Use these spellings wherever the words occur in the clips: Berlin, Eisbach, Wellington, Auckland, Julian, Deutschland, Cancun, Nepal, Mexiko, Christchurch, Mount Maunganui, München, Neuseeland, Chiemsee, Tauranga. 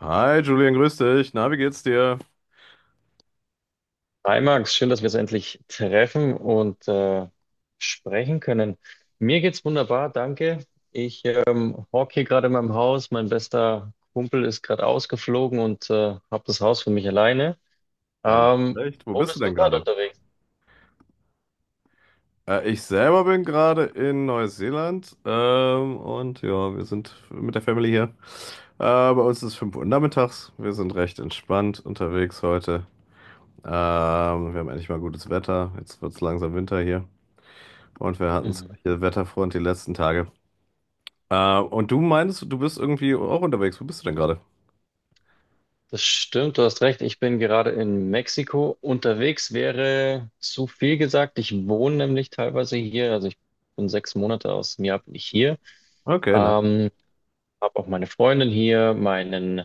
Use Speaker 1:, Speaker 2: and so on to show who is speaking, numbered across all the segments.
Speaker 1: Hi Julian, grüß dich. Na, wie geht's dir?
Speaker 2: Hi Max, schön, dass wir uns endlich treffen und sprechen können. Mir geht's wunderbar, danke. Ich hocke hier gerade in meinem Haus. Mein bester Kumpel ist gerade ausgeflogen und habe das Haus für mich alleine.
Speaker 1: Alles
Speaker 2: Ähm,
Speaker 1: recht. Wo
Speaker 2: Wo
Speaker 1: bist du
Speaker 2: bist du
Speaker 1: denn
Speaker 2: gerade
Speaker 1: gerade?
Speaker 2: unterwegs?
Speaker 1: Ich selber bin gerade in Neuseeland und ja, wir sind mit der Family hier. Bei uns ist es 5 Uhr nachmittags. Wir sind recht entspannt unterwegs heute. Wir haben endlich mal gutes Wetter. Jetzt wird's langsam Winter hier. Und wir hatten es
Speaker 2: Mhm.
Speaker 1: hier Wetterfront die letzten Tage. Und du meinst, du bist irgendwie auch unterwegs. Wo bist du denn gerade?
Speaker 2: Das stimmt, du hast recht. Ich bin gerade in Mexiko. Unterwegs wäre zu viel gesagt. Ich wohne nämlich teilweise hier. Also ich bin sechs Monate aus dem Jahr bin ich hier.
Speaker 1: Okay, na.
Speaker 2: Ähm, Habe auch meine Freundin hier, meinen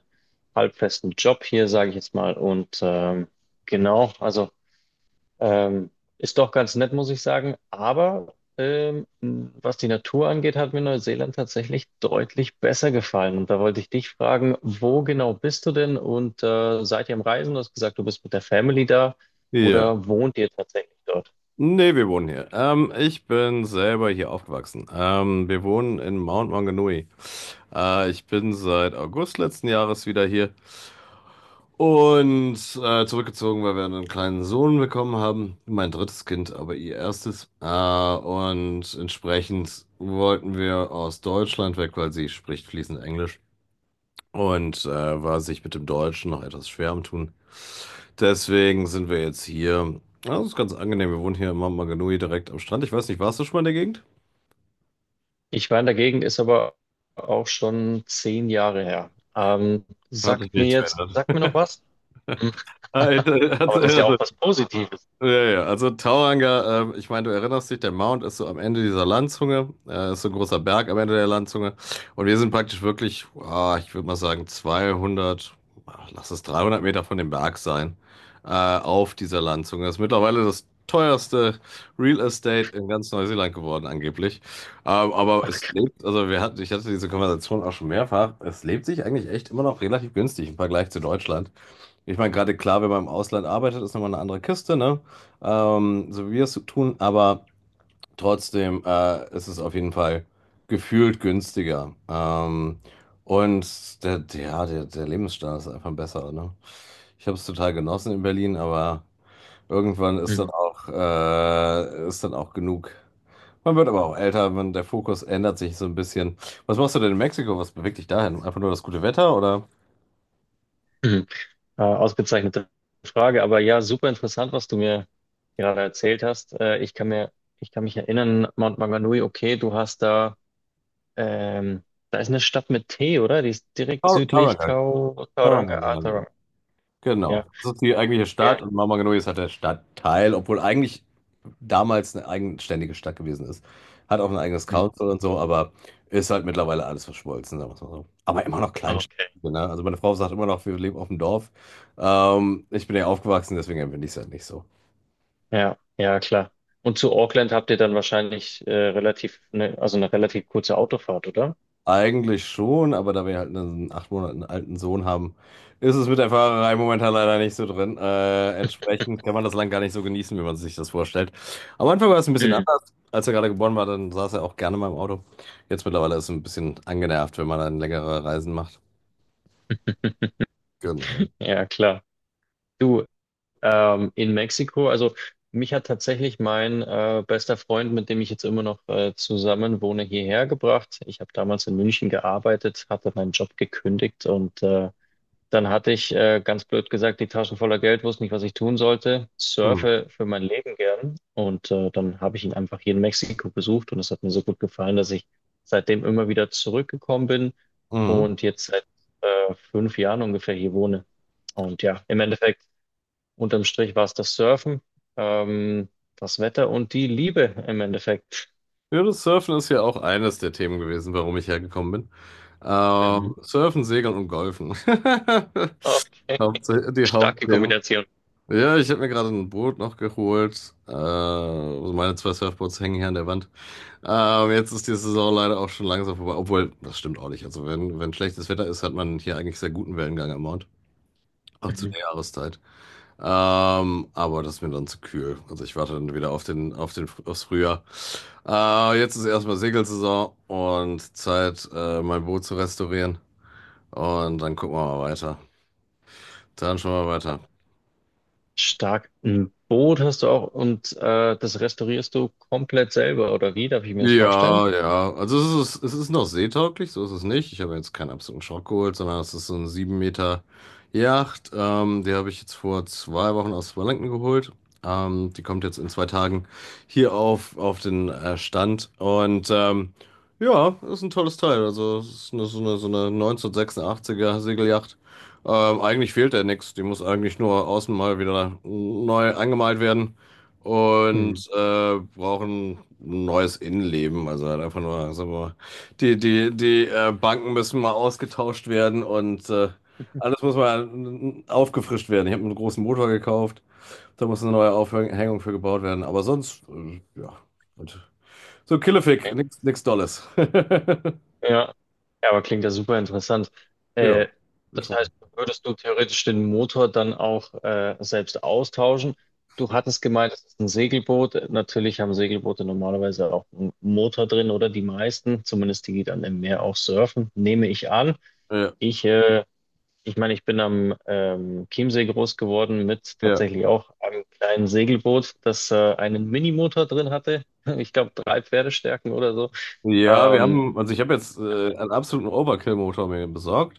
Speaker 2: halbfesten Job hier, sage ich jetzt mal. Und genau, also ähm, ist doch ganz nett, muss ich sagen. Aber was die Natur angeht, hat mir Neuseeland tatsächlich deutlich besser gefallen. Und da wollte ich dich fragen, wo genau bist du denn und seid ihr am Reisen? Du hast gesagt, du bist mit der Family da
Speaker 1: Ja.
Speaker 2: oder wohnt ihr tatsächlich dort?
Speaker 1: Nee, wir wohnen hier. Ich bin selber hier aufgewachsen. Wir wohnen in Mount Maunganui. Ich bin seit August letzten Jahres wieder hier und zurückgezogen, weil wir einen kleinen Sohn bekommen haben. Mein drittes Kind, aber ihr erstes. Und entsprechend wollten wir aus Deutschland weg, weil sie spricht fließend Englisch und war sich mit dem Deutschen noch etwas schwer am Tun. Deswegen sind wir jetzt hier. Ja, das ist ganz angenehm. Wir wohnen hier in Mama direkt am Strand. Ich weiß nicht, warst du schon mal in der Gegend?
Speaker 2: Ich war in der Gegend, ist aber auch schon zehn Jahre her.
Speaker 1: Hat sich
Speaker 2: Sagt mir
Speaker 1: nichts
Speaker 2: jetzt,
Speaker 1: verändert.
Speaker 2: sagt mir noch was? Aber das ist ja
Speaker 1: Also,
Speaker 2: auch was Positives.
Speaker 1: ja, ja, ja, also Tauranga, ich meine, du erinnerst dich, der Mount ist so am Ende dieser Landzunge, ist so ein großer Berg am Ende der Landzunge. Und wir sind praktisch wirklich, ah, ich würde mal sagen, 200, ah, lass es 300 Meter von dem Berg sein, auf dieser Landzunge. Das ist mittlerweile das teuerste Real Estate in ganz Neuseeland geworden, angeblich. Aber
Speaker 2: Ach,
Speaker 1: es
Speaker 2: krass.
Speaker 1: lebt, also wir hatten, ich hatte diese Konversation auch schon mehrfach, es lebt sich eigentlich echt immer noch relativ günstig im Vergleich zu Deutschland. Ich meine, gerade klar, wenn man im Ausland arbeitet, ist nochmal eine andere Kiste, ne? So wie wir es tun, aber trotzdem ist es auf jeden Fall gefühlt günstiger. Und der Lebensstandard ist einfach besser, ne? Ich habe es total genossen in Berlin, aber irgendwann
Speaker 2: Mhm.
Speaker 1: ist dann auch genug. Man wird aber auch älter, man, der Fokus ändert sich so ein bisschen. Was machst du denn in Mexiko? Was bewegt dich dahin? Einfach nur das gute Wetter oder?
Speaker 2: Mhm. Ausgezeichnete Frage, aber ja, super interessant, was du mir gerade erzählt hast. Ich kann mich erinnern, Mount Maunganui, okay, du hast da, ähm, da ist eine Stadt mit T, oder? Die ist direkt
Speaker 1: Tar-
Speaker 2: südlich
Speaker 1: Tarangan. Tarangan, genau.
Speaker 2: Tauranga. Ja,
Speaker 1: Genau. Das ist die eigentliche
Speaker 2: ja.
Speaker 1: Stadt und Mama Genui ist halt der Stadtteil, obwohl eigentlich damals eine eigenständige Stadt gewesen ist. Hat auch ein eigenes
Speaker 2: Mhm.
Speaker 1: Council und so, aber ist halt mittlerweile alles verschmolzen, sagen wir's mal so. Aber immer noch
Speaker 2: Ah,
Speaker 1: Kleinstadt.
Speaker 2: okay.
Speaker 1: Ne? Also meine Frau sagt immer noch, wir leben auf dem Dorf. Ich bin ja aufgewachsen, deswegen empfinde ich es halt nicht so.
Speaker 2: Ja, ja, klar. Und zu Auckland habt ihr dann wahrscheinlich relativ, ne, also eine relativ kurze Autofahrt, oder?
Speaker 1: Eigentlich schon, aber da wir halt einen 8 Monaten alten Sohn haben, ist es mit der Fahrerei momentan leider nicht so drin. Entsprechend kann man das Land gar nicht so genießen, wie man sich das vorstellt. Am Anfang war es ein bisschen
Speaker 2: Mhm.
Speaker 1: anders. Als er gerade geboren war, dann saß er auch gerne mal im Auto. Jetzt mittlerweile ist es ein bisschen angenervt, wenn man dann längere Reisen macht. Genau.
Speaker 2: Ja, klar. Du, in Mexiko. Also mich hat tatsächlich mein bester Freund, mit dem ich jetzt immer noch zusammen wohne, hierher gebracht. Ich habe damals in München gearbeitet, hatte meinen Job gekündigt und dann hatte ich ganz blöd gesagt die Taschen voller Geld, wusste nicht, was ich tun sollte,
Speaker 1: Hm.
Speaker 2: surfe für mein Leben gern und dann habe ich ihn einfach hier in Mexiko besucht und es hat mir so gut gefallen, dass ich seitdem immer wieder zurückgekommen bin
Speaker 1: Mhm.
Speaker 2: und jetzt seit fünf Jahren ungefähr hier wohne. Und ja, im Endeffekt unterm Strich war es das Surfen, ähm, das Wetter und die Liebe im Endeffekt.
Speaker 1: Ja, das Surfen ist ja auch eines der Themen gewesen, warum ich hergekommen bin.
Speaker 2: Mhm.
Speaker 1: Surfen, Segeln und Golfen.
Speaker 2: Okay,
Speaker 1: Die
Speaker 2: starke
Speaker 1: Hauptthemen.
Speaker 2: Kombination.
Speaker 1: Ja, ich habe mir gerade ein Boot noch geholt. Also meine zwei Surfboards hängen hier an der Wand. Jetzt ist die Saison leider auch schon langsam vorbei. Obwohl, das stimmt auch nicht. Also wenn schlechtes Wetter ist, hat man hier eigentlich sehr guten Wellengang am Mount. Auch zu
Speaker 2: Mhm.
Speaker 1: der Jahreszeit. Aber das ist mir dann zu kühl. Also ich warte dann wieder aufs Frühjahr. Jetzt ist erstmal Segelsaison und Zeit, mein Boot zu restaurieren. Und dann gucken wir mal weiter. Dann schauen wir weiter.
Speaker 2: Stark. Ein Boot hast du auch und das restaurierst du komplett selber, oder wie? Darf ich mir das vorstellen?
Speaker 1: Ja, ja. Also es ist noch seetauglich, so ist es nicht. Ich habe jetzt keinen absoluten Schrock geholt, sondern es ist so eine 7 Meter Yacht. Die habe ich jetzt vor 2 Wochen aus Wellington geholt. Die kommt jetzt in 2 Tagen hier auf den Stand. Und ja, ist ein tolles Teil. Also es ist eine, so eine, so eine 1986er Segelyacht. Eigentlich fehlt da nichts. Die muss eigentlich nur außen mal wieder neu angemalt werden und
Speaker 2: Mhm.
Speaker 1: brauchen ein neues Innenleben. Also halt einfach nur, sagen wir mal, die Banken müssen mal ausgetauscht werden und
Speaker 2: Okay.
Speaker 1: alles muss mal aufgefrischt werden. Ich habe einen großen Motor gekauft, da muss eine neue Aufhängung für gebaut werden. Aber sonst, ja, und so Killefick, nichts nix Dolles.
Speaker 2: Ja. Ja, aber klingt ja super interessant. Äh,
Speaker 1: Ja, ich
Speaker 2: Das
Speaker 1: freue
Speaker 2: heißt,
Speaker 1: mich.
Speaker 2: würdest du theoretisch den Motor dann auch selbst austauschen? Du hattest gemeint, es ist ein Segelboot. Natürlich haben Segelboote normalerweise auch einen Motor drin oder die meisten, zumindest die, die dann im Meer auch surfen, nehme ich an.
Speaker 1: Ja,
Speaker 2: Ich, äh, ich meine, ich bin am Chiemsee groß geworden mit
Speaker 1: ja.
Speaker 2: tatsächlich auch einem kleinen Segelboot, das einen Minimotor drin hatte. Ich glaube, drei Pferdestärken oder so.
Speaker 1: Ja, wir
Speaker 2: Ähm,
Speaker 1: haben, also ich habe jetzt einen absoluten Overkill-Motor mir besorgt.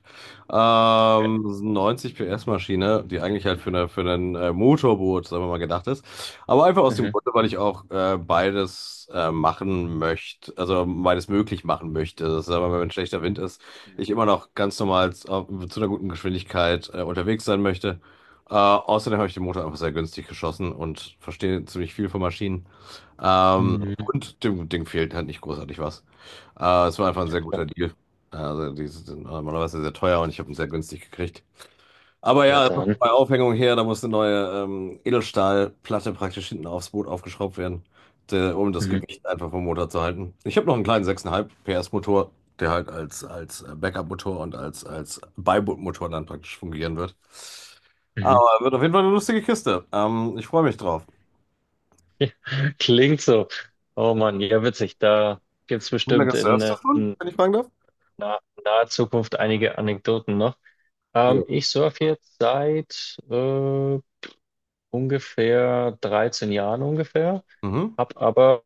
Speaker 1: Das ist eine 90 PS-Maschine, die eigentlich halt für ein Motorboot, sagen wir mal, gedacht ist. Aber einfach aus dem
Speaker 2: mhm.
Speaker 1: Grunde, weil ich auch beides machen möchte, also beides möglich machen möchte. Das ist aber, wenn schlechter Wind ist, ich immer noch ganz normal zu einer guten Geschwindigkeit unterwegs sein möchte. Außerdem habe ich den Motor einfach sehr günstig geschossen und verstehe ziemlich viel von Maschinen.
Speaker 2: Mhm.
Speaker 1: Und dem Ding fehlt halt nicht großartig was. Es war einfach ein
Speaker 2: Ja,
Speaker 1: sehr
Speaker 2: klar.
Speaker 1: guter Deal. Also die sind normalerweise sehr teuer und ich habe ihn sehr günstig gekriegt. Aber
Speaker 2: Ja,
Speaker 1: ja, es muss
Speaker 2: dann.
Speaker 1: eine neue Aufhängung her, da muss eine neue Edelstahlplatte praktisch hinten aufs Boot aufgeschraubt werden, de, um das
Speaker 2: Mhm.
Speaker 1: Gewicht einfach vom Motor zu halten. Ich habe noch einen kleinen 6,5 PS Motor, der halt als Backup-Motor und als Beibootmotor dann praktisch fungieren wird. Aber
Speaker 2: Mhm.
Speaker 1: wird auf jeden Fall eine lustige Kiste. Ich freue mich drauf.
Speaker 2: Klingt so. Oh Mann, ja, witzig. Da gibt's
Speaker 1: Wie
Speaker 2: bestimmt
Speaker 1: lange
Speaker 2: in,
Speaker 1: surfst du
Speaker 2: äh,
Speaker 1: schon,
Speaker 2: in
Speaker 1: wenn ich fragen darf?
Speaker 2: naher Zukunft einige Anekdoten noch. Ich surfe jetzt seit ungefähr 13 Jahren ungefähr,
Speaker 1: Mhm.
Speaker 2: hab aber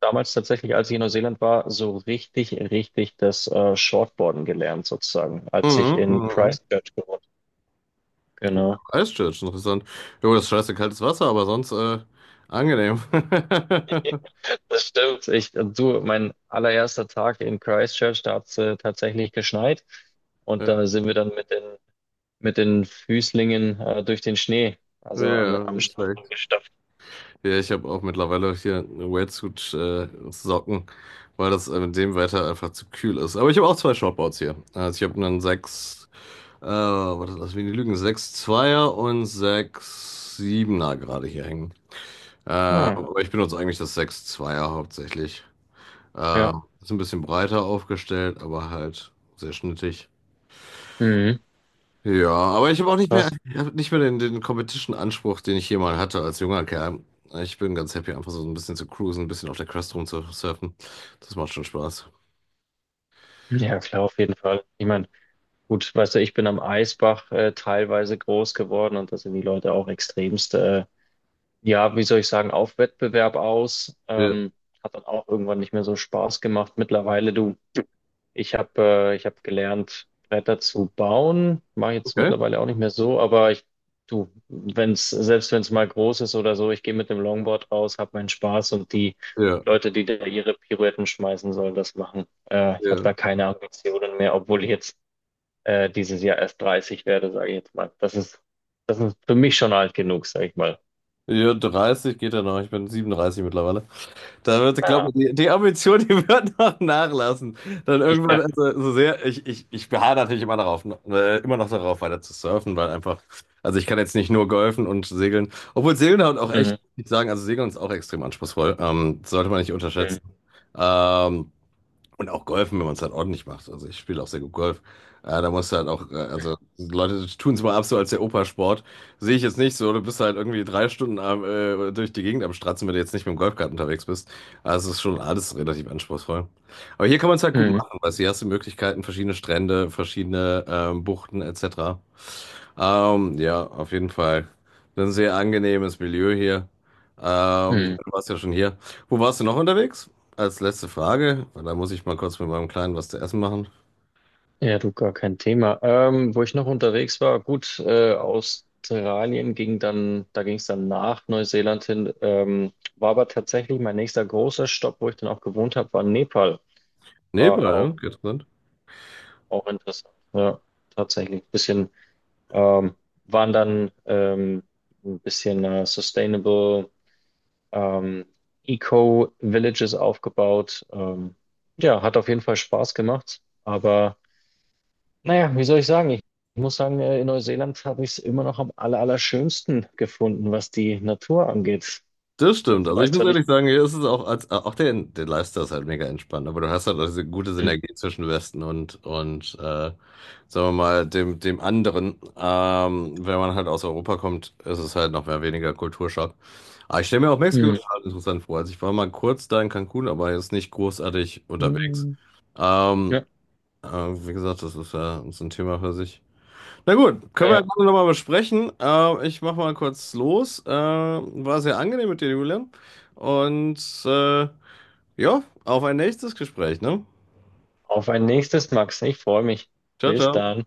Speaker 2: damals tatsächlich, als ich in Neuseeland war, so richtig das Shortboarden gelernt sozusagen, als
Speaker 1: Mhm.
Speaker 2: ich in
Speaker 1: Mhm.
Speaker 2: Christchurch gewohnt.
Speaker 1: Mhm.
Speaker 2: Genau.
Speaker 1: Christchurch, interessant. Jo, das ist scheiße kaltes Wasser, aber sonst angenehm.
Speaker 2: Das stimmt. Ich, du, mein allererster Tag in Christchurch, da hat es tatsächlich geschneit. Und
Speaker 1: Ja,
Speaker 2: da sind wir dann mit den Füßlingen durch den Schnee,
Speaker 1: ja,
Speaker 2: am
Speaker 1: nicht
Speaker 2: Strand
Speaker 1: schlecht.
Speaker 2: rumgestapft.
Speaker 1: Ja, ich habe auch mittlerweile hier eine Wetsuit-Socken, weil das mit dem Wetter einfach zu kühl ist. Aber ich habe auch zwei Shortboards hier. Also ich habe einen 6, was ist das, wie die Lügen? 6,2er und sechs Siebener gerade hier hängen.
Speaker 2: Ah,
Speaker 1: Aber ich benutze eigentlich das 6,2er hauptsächlich. Äh,
Speaker 2: ja.
Speaker 1: Ist ein bisschen breiter aufgestellt, aber halt sehr schnittig.
Speaker 2: Mhm.
Speaker 1: Ja, aber ich habe auch nicht mehr,
Speaker 2: Krass.
Speaker 1: ich hab nicht mehr den Competition-Anspruch, den ich hier mal hatte als junger Kerl. Ich bin ganz happy, einfach so ein bisschen zu cruisen, ein bisschen auf der Crest rumzusurfen. Das macht schon Spaß.
Speaker 2: Ja, klar, auf jeden Fall. Ich meine, gut, weißt du, ich bin am Eisbach teilweise groß geworden und da sind die Leute auch extremst, ja, wie soll ich sagen, auf Wettbewerb aus.
Speaker 1: Ja,
Speaker 2: Hat dann auch irgendwann nicht mehr so Spaß gemacht. Mittlerweile, du ich habe ich habe gelernt, Bretter zu bauen. Mache jetzt
Speaker 1: okay.
Speaker 2: mittlerweile auch nicht mehr so, aber ich, du, wenn's, selbst wenn es mal groß ist oder so, ich gehe mit dem Longboard raus, habe meinen Spaß und die
Speaker 1: Ja,
Speaker 2: Leute, die da ihre Pirouetten schmeißen, sollen das machen. Ich habe
Speaker 1: ja.
Speaker 2: da keine Ambitionen mehr, obwohl ich jetzt dieses Jahr erst 30 werde, sage ich jetzt mal. Das ist für mich schon alt genug, sage ich mal.
Speaker 1: Ja, 30 geht ja noch. Ich bin 37 mittlerweile. Da wird, glaube
Speaker 2: Ah,
Speaker 1: ich, die Ambition, die wird noch nachlassen. Dann irgendwann,
Speaker 2: ja.
Speaker 1: also so sehr, ich beharre natürlich immer darauf, ne, immer noch darauf, weiter zu surfen, weil einfach, also ich kann jetzt nicht nur golfen und segeln, obwohl Segeln halt auch echt,
Speaker 2: Mhm.
Speaker 1: muss ich sagen, also Segeln ist auch extrem anspruchsvoll, sollte man nicht
Speaker 2: Mhm.
Speaker 1: unterschätzen. Ähm, und auch Golfen, wenn man es halt ordentlich macht. Also ich spiele auch sehr gut Golf. Da musst du halt auch, also Leute tun es mal ab so als der Opa-Sport. Sehe ich jetzt nicht so. Du bist halt irgendwie 3 Stunden am, durch die Gegend am Stratzen, wenn du jetzt nicht mit dem Golfkart unterwegs bist. Also es ist schon alles relativ anspruchsvoll. Aber hier kann man es halt gut
Speaker 2: Mhm.
Speaker 1: machen, weil hier hast du Möglichkeiten, verschiedene Strände, verschiedene Buchten etc. Ja, auf jeden Fall. Ein sehr angenehmes Milieu hier. Ich meine,
Speaker 2: Mhm.
Speaker 1: du warst ja schon hier. Wo warst du noch unterwegs? Als letzte Frage, weil da muss ich mal kurz mit meinem Kleinen was zu essen machen.
Speaker 2: Ja, du, gar kein Thema. Wo ich noch unterwegs war, gut, Australien ging dann, da ging es dann nach Neuseeland hin, war aber tatsächlich mein nächster großer Stopp, wo ich dann auch gewohnt habe, war Nepal. War
Speaker 1: Nebra, ja,
Speaker 2: auch,
Speaker 1: geht.
Speaker 2: auch interessant. Ja, tatsächlich. Ähm, waren dann ein bisschen Sustainable ähm, Eco-Villages aufgebaut. Ja, hat auf jeden Fall Spaß gemacht, aber naja, wie soll ich sagen? Ich muss sagen, in Neuseeland habe ich es immer noch am allerschönsten gefunden, was die Natur angeht.
Speaker 1: Das stimmt.
Speaker 2: Jetzt
Speaker 1: Also ich
Speaker 2: weiß
Speaker 1: muss
Speaker 2: zwar nicht.
Speaker 1: ehrlich sagen, hier ist es auch als auch der Lifestyle ist halt mega entspannt, aber du hast halt auch diese gute Synergie zwischen Westen und sagen wir mal dem dem anderen. Wenn man halt aus Europa kommt, ist es halt noch mehr weniger Kulturschock. Aber ich stelle mir auch Mexiko
Speaker 2: Mhm.
Speaker 1: total interessant vor. Also ich war mal kurz da in Cancun, aber jetzt nicht großartig unterwegs.
Speaker 2: Mhm.
Speaker 1: Ähm,
Speaker 2: Ja,
Speaker 1: Wie gesagt, das ist ja so ein Thema für sich. Na gut, können wir ja
Speaker 2: ja.
Speaker 1: gerne nochmal besprechen. Ich mache mal kurz los. War sehr angenehm mit dir, Julian. Und äh, ja, auf ein nächstes Gespräch, ne?
Speaker 2: Auf ein nächstes, Max. Ich freue mich.
Speaker 1: Ciao,
Speaker 2: Bis
Speaker 1: ciao.
Speaker 2: dann.